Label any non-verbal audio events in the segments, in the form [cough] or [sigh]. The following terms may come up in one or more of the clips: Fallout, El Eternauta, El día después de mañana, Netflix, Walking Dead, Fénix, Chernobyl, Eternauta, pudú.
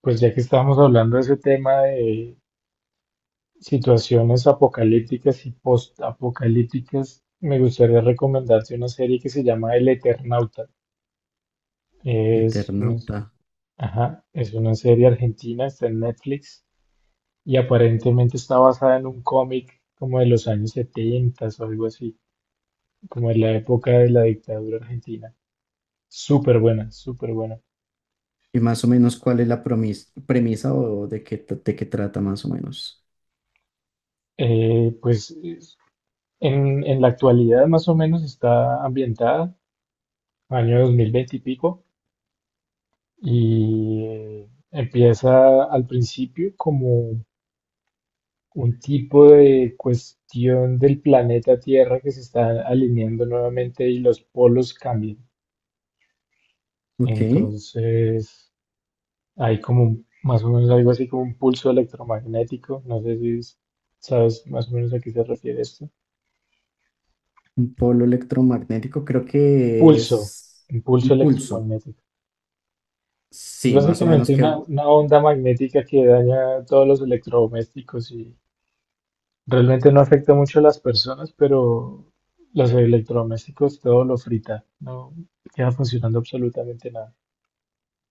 Pues ya que estamos hablando de ese tema de situaciones apocalípticas y post-apocalípticas, me gustaría recomendarte una serie que se llama El Eternauta. Es, un- Eternauta. ajá, es una serie argentina, está en Netflix y aparentemente está basada en un cómic como de los años 70 o algo así, como de la época de la dictadura argentina. Súper buena, súper buena. Y más o menos, ¿cuál es la premisa o de qué, de qué trata más o menos? Eh, pues es- en la actualidad más o menos está ambientada año 2020 y pico, y empieza al principio como un tipo de cuestión del planeta Tierra que se está alineando nuevamente y los polos cambian. Ok, Entonces hay como más o menos algo así como un pulso electromagnético, no sé si es- sabes más o menos a qué se refiere esto. un polo electromagnético creo que Pulso, es un un pulso pulso. electromagnético. Es Sí, más o menos básicamente que... una onda magnética que daña todos los electrodomésticos y realmente no afecta mucho a las personas, pero los electrodomésticos todo lo frita, no queda funcionando absolutamente nada.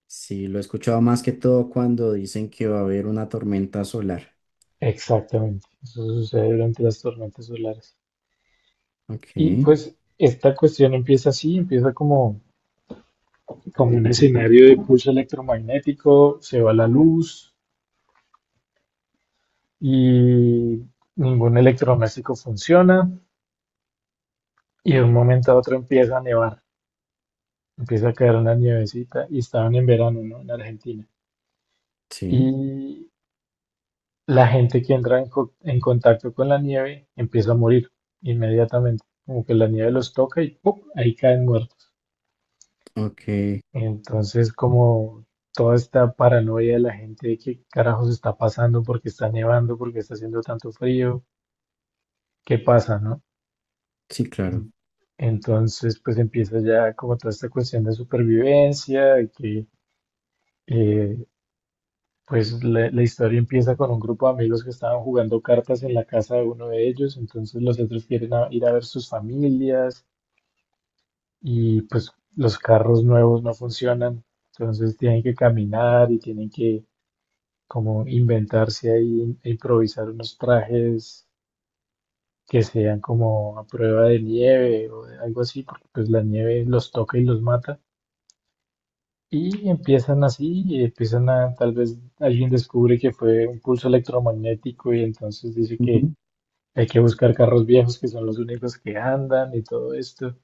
Sí, lo he escuchado más que todo cuando dicen que va a haber una tormenta solar. Exactamente, eso sucede durante las tormentas solares. Ok, Y pues esta cuestión empieza así, empieza como, como un escenario de pulso electromagnético, se va la luz y ningún electrodoméstico funciona y de un momento a otro empieza a nevar, empieza a caer una nievecita y estaban en verano, ¿no? En Argentina. sí, Y la gente que entra en contacto con la nieve empieza a morir inmediatamente, como que la nieve los toca y ¡pum!, ahí caen muertos. ok, Entonces, como toda esta paranoia de la gente de qué carajos está pasando, porque está nevando, porque está haciendo tanto frío, qué pasa, ¿no? sí, claro. En- Entonces, pues empieza ya como toda esta cuestión de supervivencia, de que eh, pues la historia empieza con un grupo de amigos que estaban jugando cartas en la casa de uno de ellos, entonces los otros quieren ir a ver sus familias y pues los carros nuevos no funcionan, entonces tienen que caminar y tienen que como inventarse ahí e improvisar unos trajes que sean como a prueba de nieve o de algo así, porque pues la nieve los toca y los mata. Y empiezan así, y empiezan a, tal vez alguien descubre que fue un pulso electromagnético y entonces dice que Ujú, hay que buscar carros viejos que son los únicos que andan y todo esto.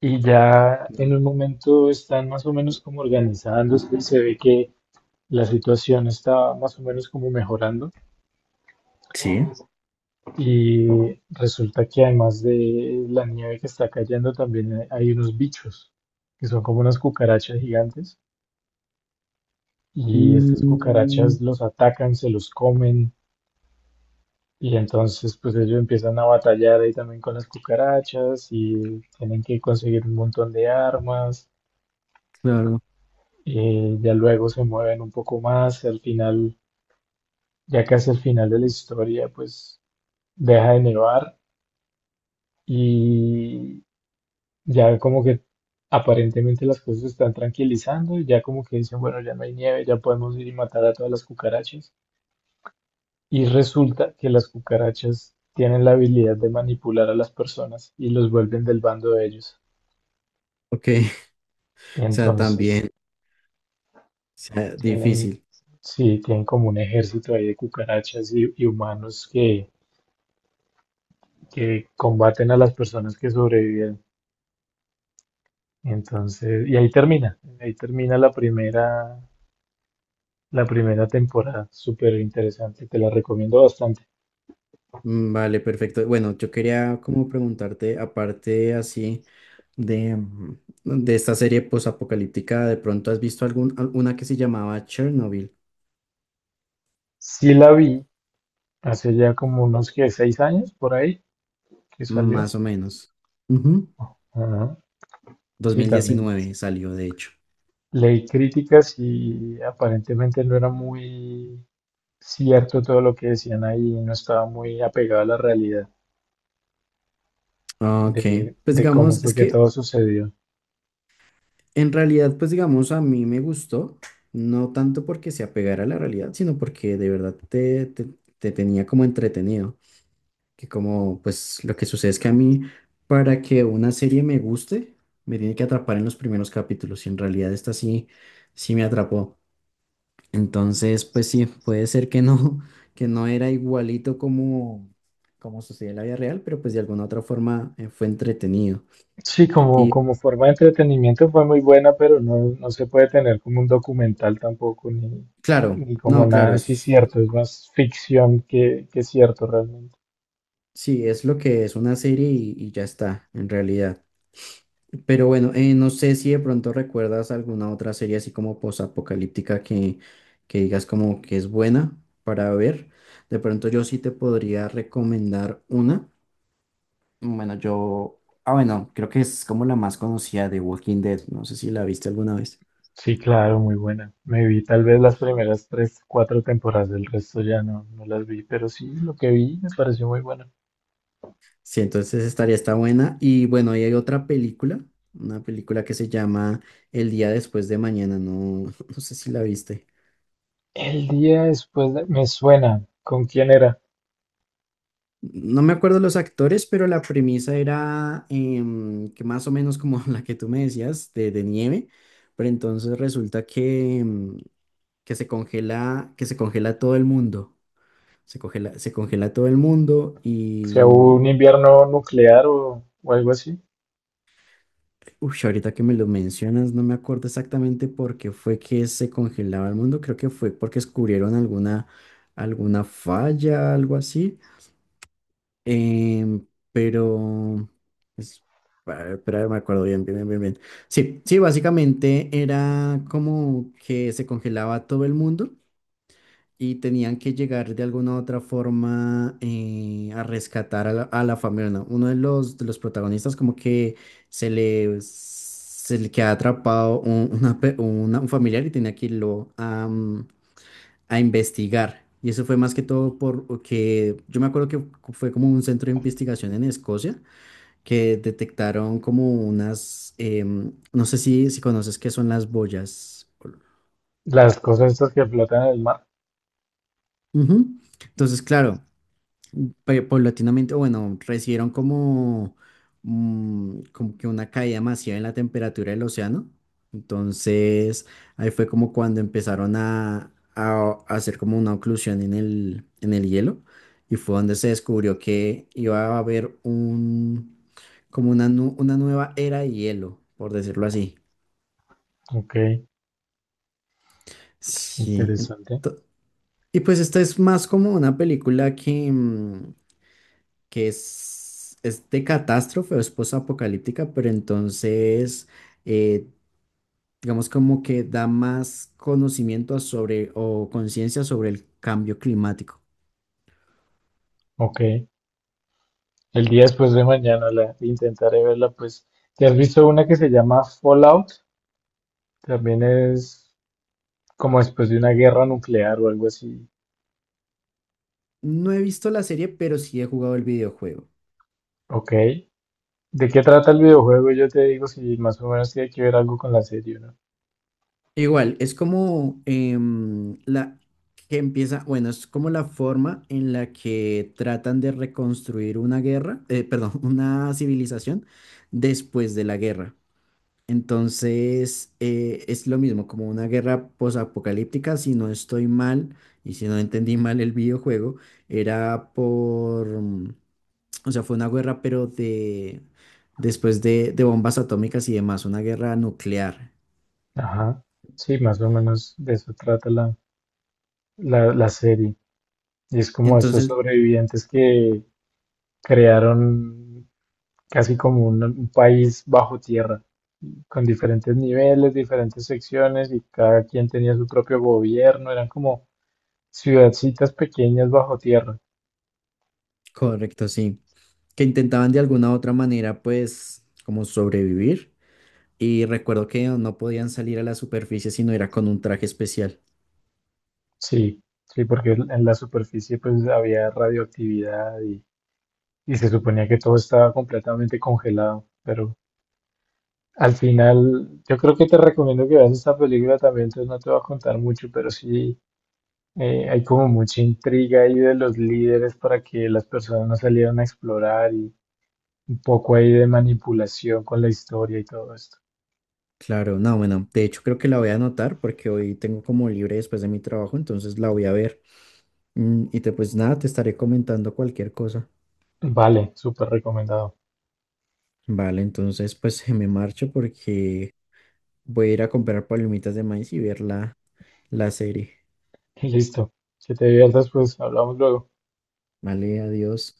Y ya en claro. un momento están más o menos como organizándose y se ve que la situación está más o menos como mejorando. Sí. Y resulta que además de la nieve que está cayendo, también hay unos bichos que son como unas cucarachas gigantes y estas Mm, cucarachas los atacan, se los comen y entonces pues ellos empiezan a batallar ahí también con las cucarachas y tienen que conseguir un montón de armas. claro. Ya luego se mueven un poco más, al final, ya casi al final de la historia pues deja de nevar y ya como que aparentemente las cosas se están tranquilizando y ya como que dicen, bueno, ya no hay nieve, ya podemos ir y matar a todas las cucarachas. Y resulta que las cucarachas tienen la habilidad de manipular a las personas y los vuelven del bando de ellos. Ok, [laughs] o sea, Entonces también, o sea, tienen, difícil. sí, tienen como un ejército ahí de cucarachas y humanos que combaten a las personas que sobreviven. Entonces, y ahí termina la primera temporada, súper interesante, te la recomiendo bastante. Mm, vale, perfecto. Bueno, yo quería como preguntarte, aparte así de, de esta serie posapocalíptica, ¿de pronto has visto algún, alguna que se llamaba Chernobyl? Sí la vi hace ya como unos que 6 años por ahí que salió. Más o menos. Ujú. Ajá. Sí, también 2019 salió, de hecho. leí críticas y aparentemente no era muy cierto todo lo que decían ahí, no estaba muy apegado a la realidad Ah, ok, pues de cómo digamos, fue es que que todo sucedió. en realidad, pues digamos, a mí me gustó, no tanto porque se apegara a la realidad, sino porque de verdad te, te tenía como entretenido. Que como pues lo que sucede es que a mí, para que una serie me guste, me tiene que atrapar en los primeros capítulos, y en realidad esta sí me atrapó. Entonces, pues sí, puede ser que no [laughs] que no era igualito como como sucedía en la vida real, pero pues de alguna otra forma fue entretenido. Sí, como, Y como forma de entretenimiento fue muy buena, pero no, no se puede tener como un documental tampoco, ni, claro, ni como no, nada claro, así es cierto, es más ficción que cierto realmente. sí, es lo que es una serie y ya está en realidad. Pero bueno, no sé si de pronto recuerdas alguna otra serie así como posapocalíptica que digas como que es buena para ver. De pronto yo sí te podría recomendar una. Bueno, yo... Ah, bueno, creo que es como la más conocida, de Walking Dead. No sé si la viste alguna vez. Sí, claro, muy buena. Me vi tal vez las primeras tres, cuatro temporadas, del resto ya no, no las vi, pero sí, lo que vi me pareció muy bueno. Sí, entonces estaría esta buena. Y bueno, y hay otra película, una película que se llama El día después de mañana. No, [laughs] no sé si la viste. El día después de- Me suena. ¿Con quién era? No me acuerdo los actores, pero la premisa era que más o menos como [laughs] la que tú me decías, de nieve, pero entonces resulta que, que se congela todo el mundo. Se congela todo el mundo O y, sea, ¿hubo un invierno nuclear o algo así? uff, ahorita que me lo mencionas, no me acuerdo exactamente por qué fue que se congelaba el mundo. Creo que fue porque descubrieron alguna, alguna falla, algo así. Em, pero, es, espera, me acuerdo bien, bien, bien, bien, bien. Sí, sí, básicamente era como que se congelaba todo el mundo y tenían que llegar de alguna u otra forma a rescatar a la familia, ¿no? Uno de los protagonistas como que se le queda atrapado un, una un familiar y tenía que irlo a, a investigar. Y eso fue más que todo porque yo me acuerdo que fue como un centro de investigación en Escocia que detectaron como unas, no sé si, si conoces qué son las boyas. Las cosas estas que flotan en el mar. Ujú. Entonces, claro, paulatinamente, o bueno, recibieron como, como que una caída masiva en la temperatura del océano. Entonces, ahí fue como cuando empezaron a hacer como una oclusión en el hielo. Y fue donde se descubrió que iba a haber un, como una, una nueva era de hielo, por decirlo así. Ok, es Sí. interesante. Y pues esta es más como una película que, que es de catástrofe o es posapocalíptica, pero entonces, eh, digamos como que da más conocimiento sobre, o conciencia sobre el cambio climático. Ok. El día después de mañana la intentaré verla, pues. ¿Te has visto una que se llama Fallout? También es como después de una guerra nuclear o algo así. No he visto la serie, pero sí he jugado el videojuego. Ok. ¿De qué trata el videojuego? Yo te digo si más o menos tiene que ver algo con la serie, ¿no? Igual, es como la que empieza, bueno, es como la forma en la que tratan de reconstruir una guerra, [laughs] una civilización después de la guerra. Entonces, es lo mismo, como una guerra posapocalíptica, si no estoy mal y si no entendí mal el videojuego, era por, o sea, fue una guerra, pero de, después de bombas atómicas y demás, una guerra nuclear. Ajá. Sí, más o menos de eso trata la, la, la serie. Y es como esos Entonces, sobrevivientes que crearon casi como un país bajo tierra, con diferentes niveles, diferentes secciones y cada quien tenía su propio gobierno, eran como ciudadcitas pequeñas bajo tierra. correcto, sí, que intentaban de alguna u otra manera, pues, como sobrevivir. Y recuerdo que no podían salir a la superficie si no era con un traje especial. Sí, sí, porque en la superficie pues había radioactividad y se suponía que todo estaba completamente congelado, pero al final yo creo que te recomiendo que veas esta película también, entonces no te voy a contar mucho, pero sí hay como mucha intriga ahí de los líderes para que las personas no salieran a explorar y un poco ahí de manipulación con la historia y todo esto. Claro, no, bueno, de hecho creo que la voy a anotar porque hoy tengo como libre después de mi trabajo, entonces la voy a ver. Mm, y te pues nada, te estaré comentando cualquier cosa. Vale, súper recomendado. Vale, entonces pues [laughs] me marcho porque voy a ir a comprar palomitas de maíz y ver la, la serie. [laughs] Listo. Que te diviertas, pues hablamos luego. Vale, adiós.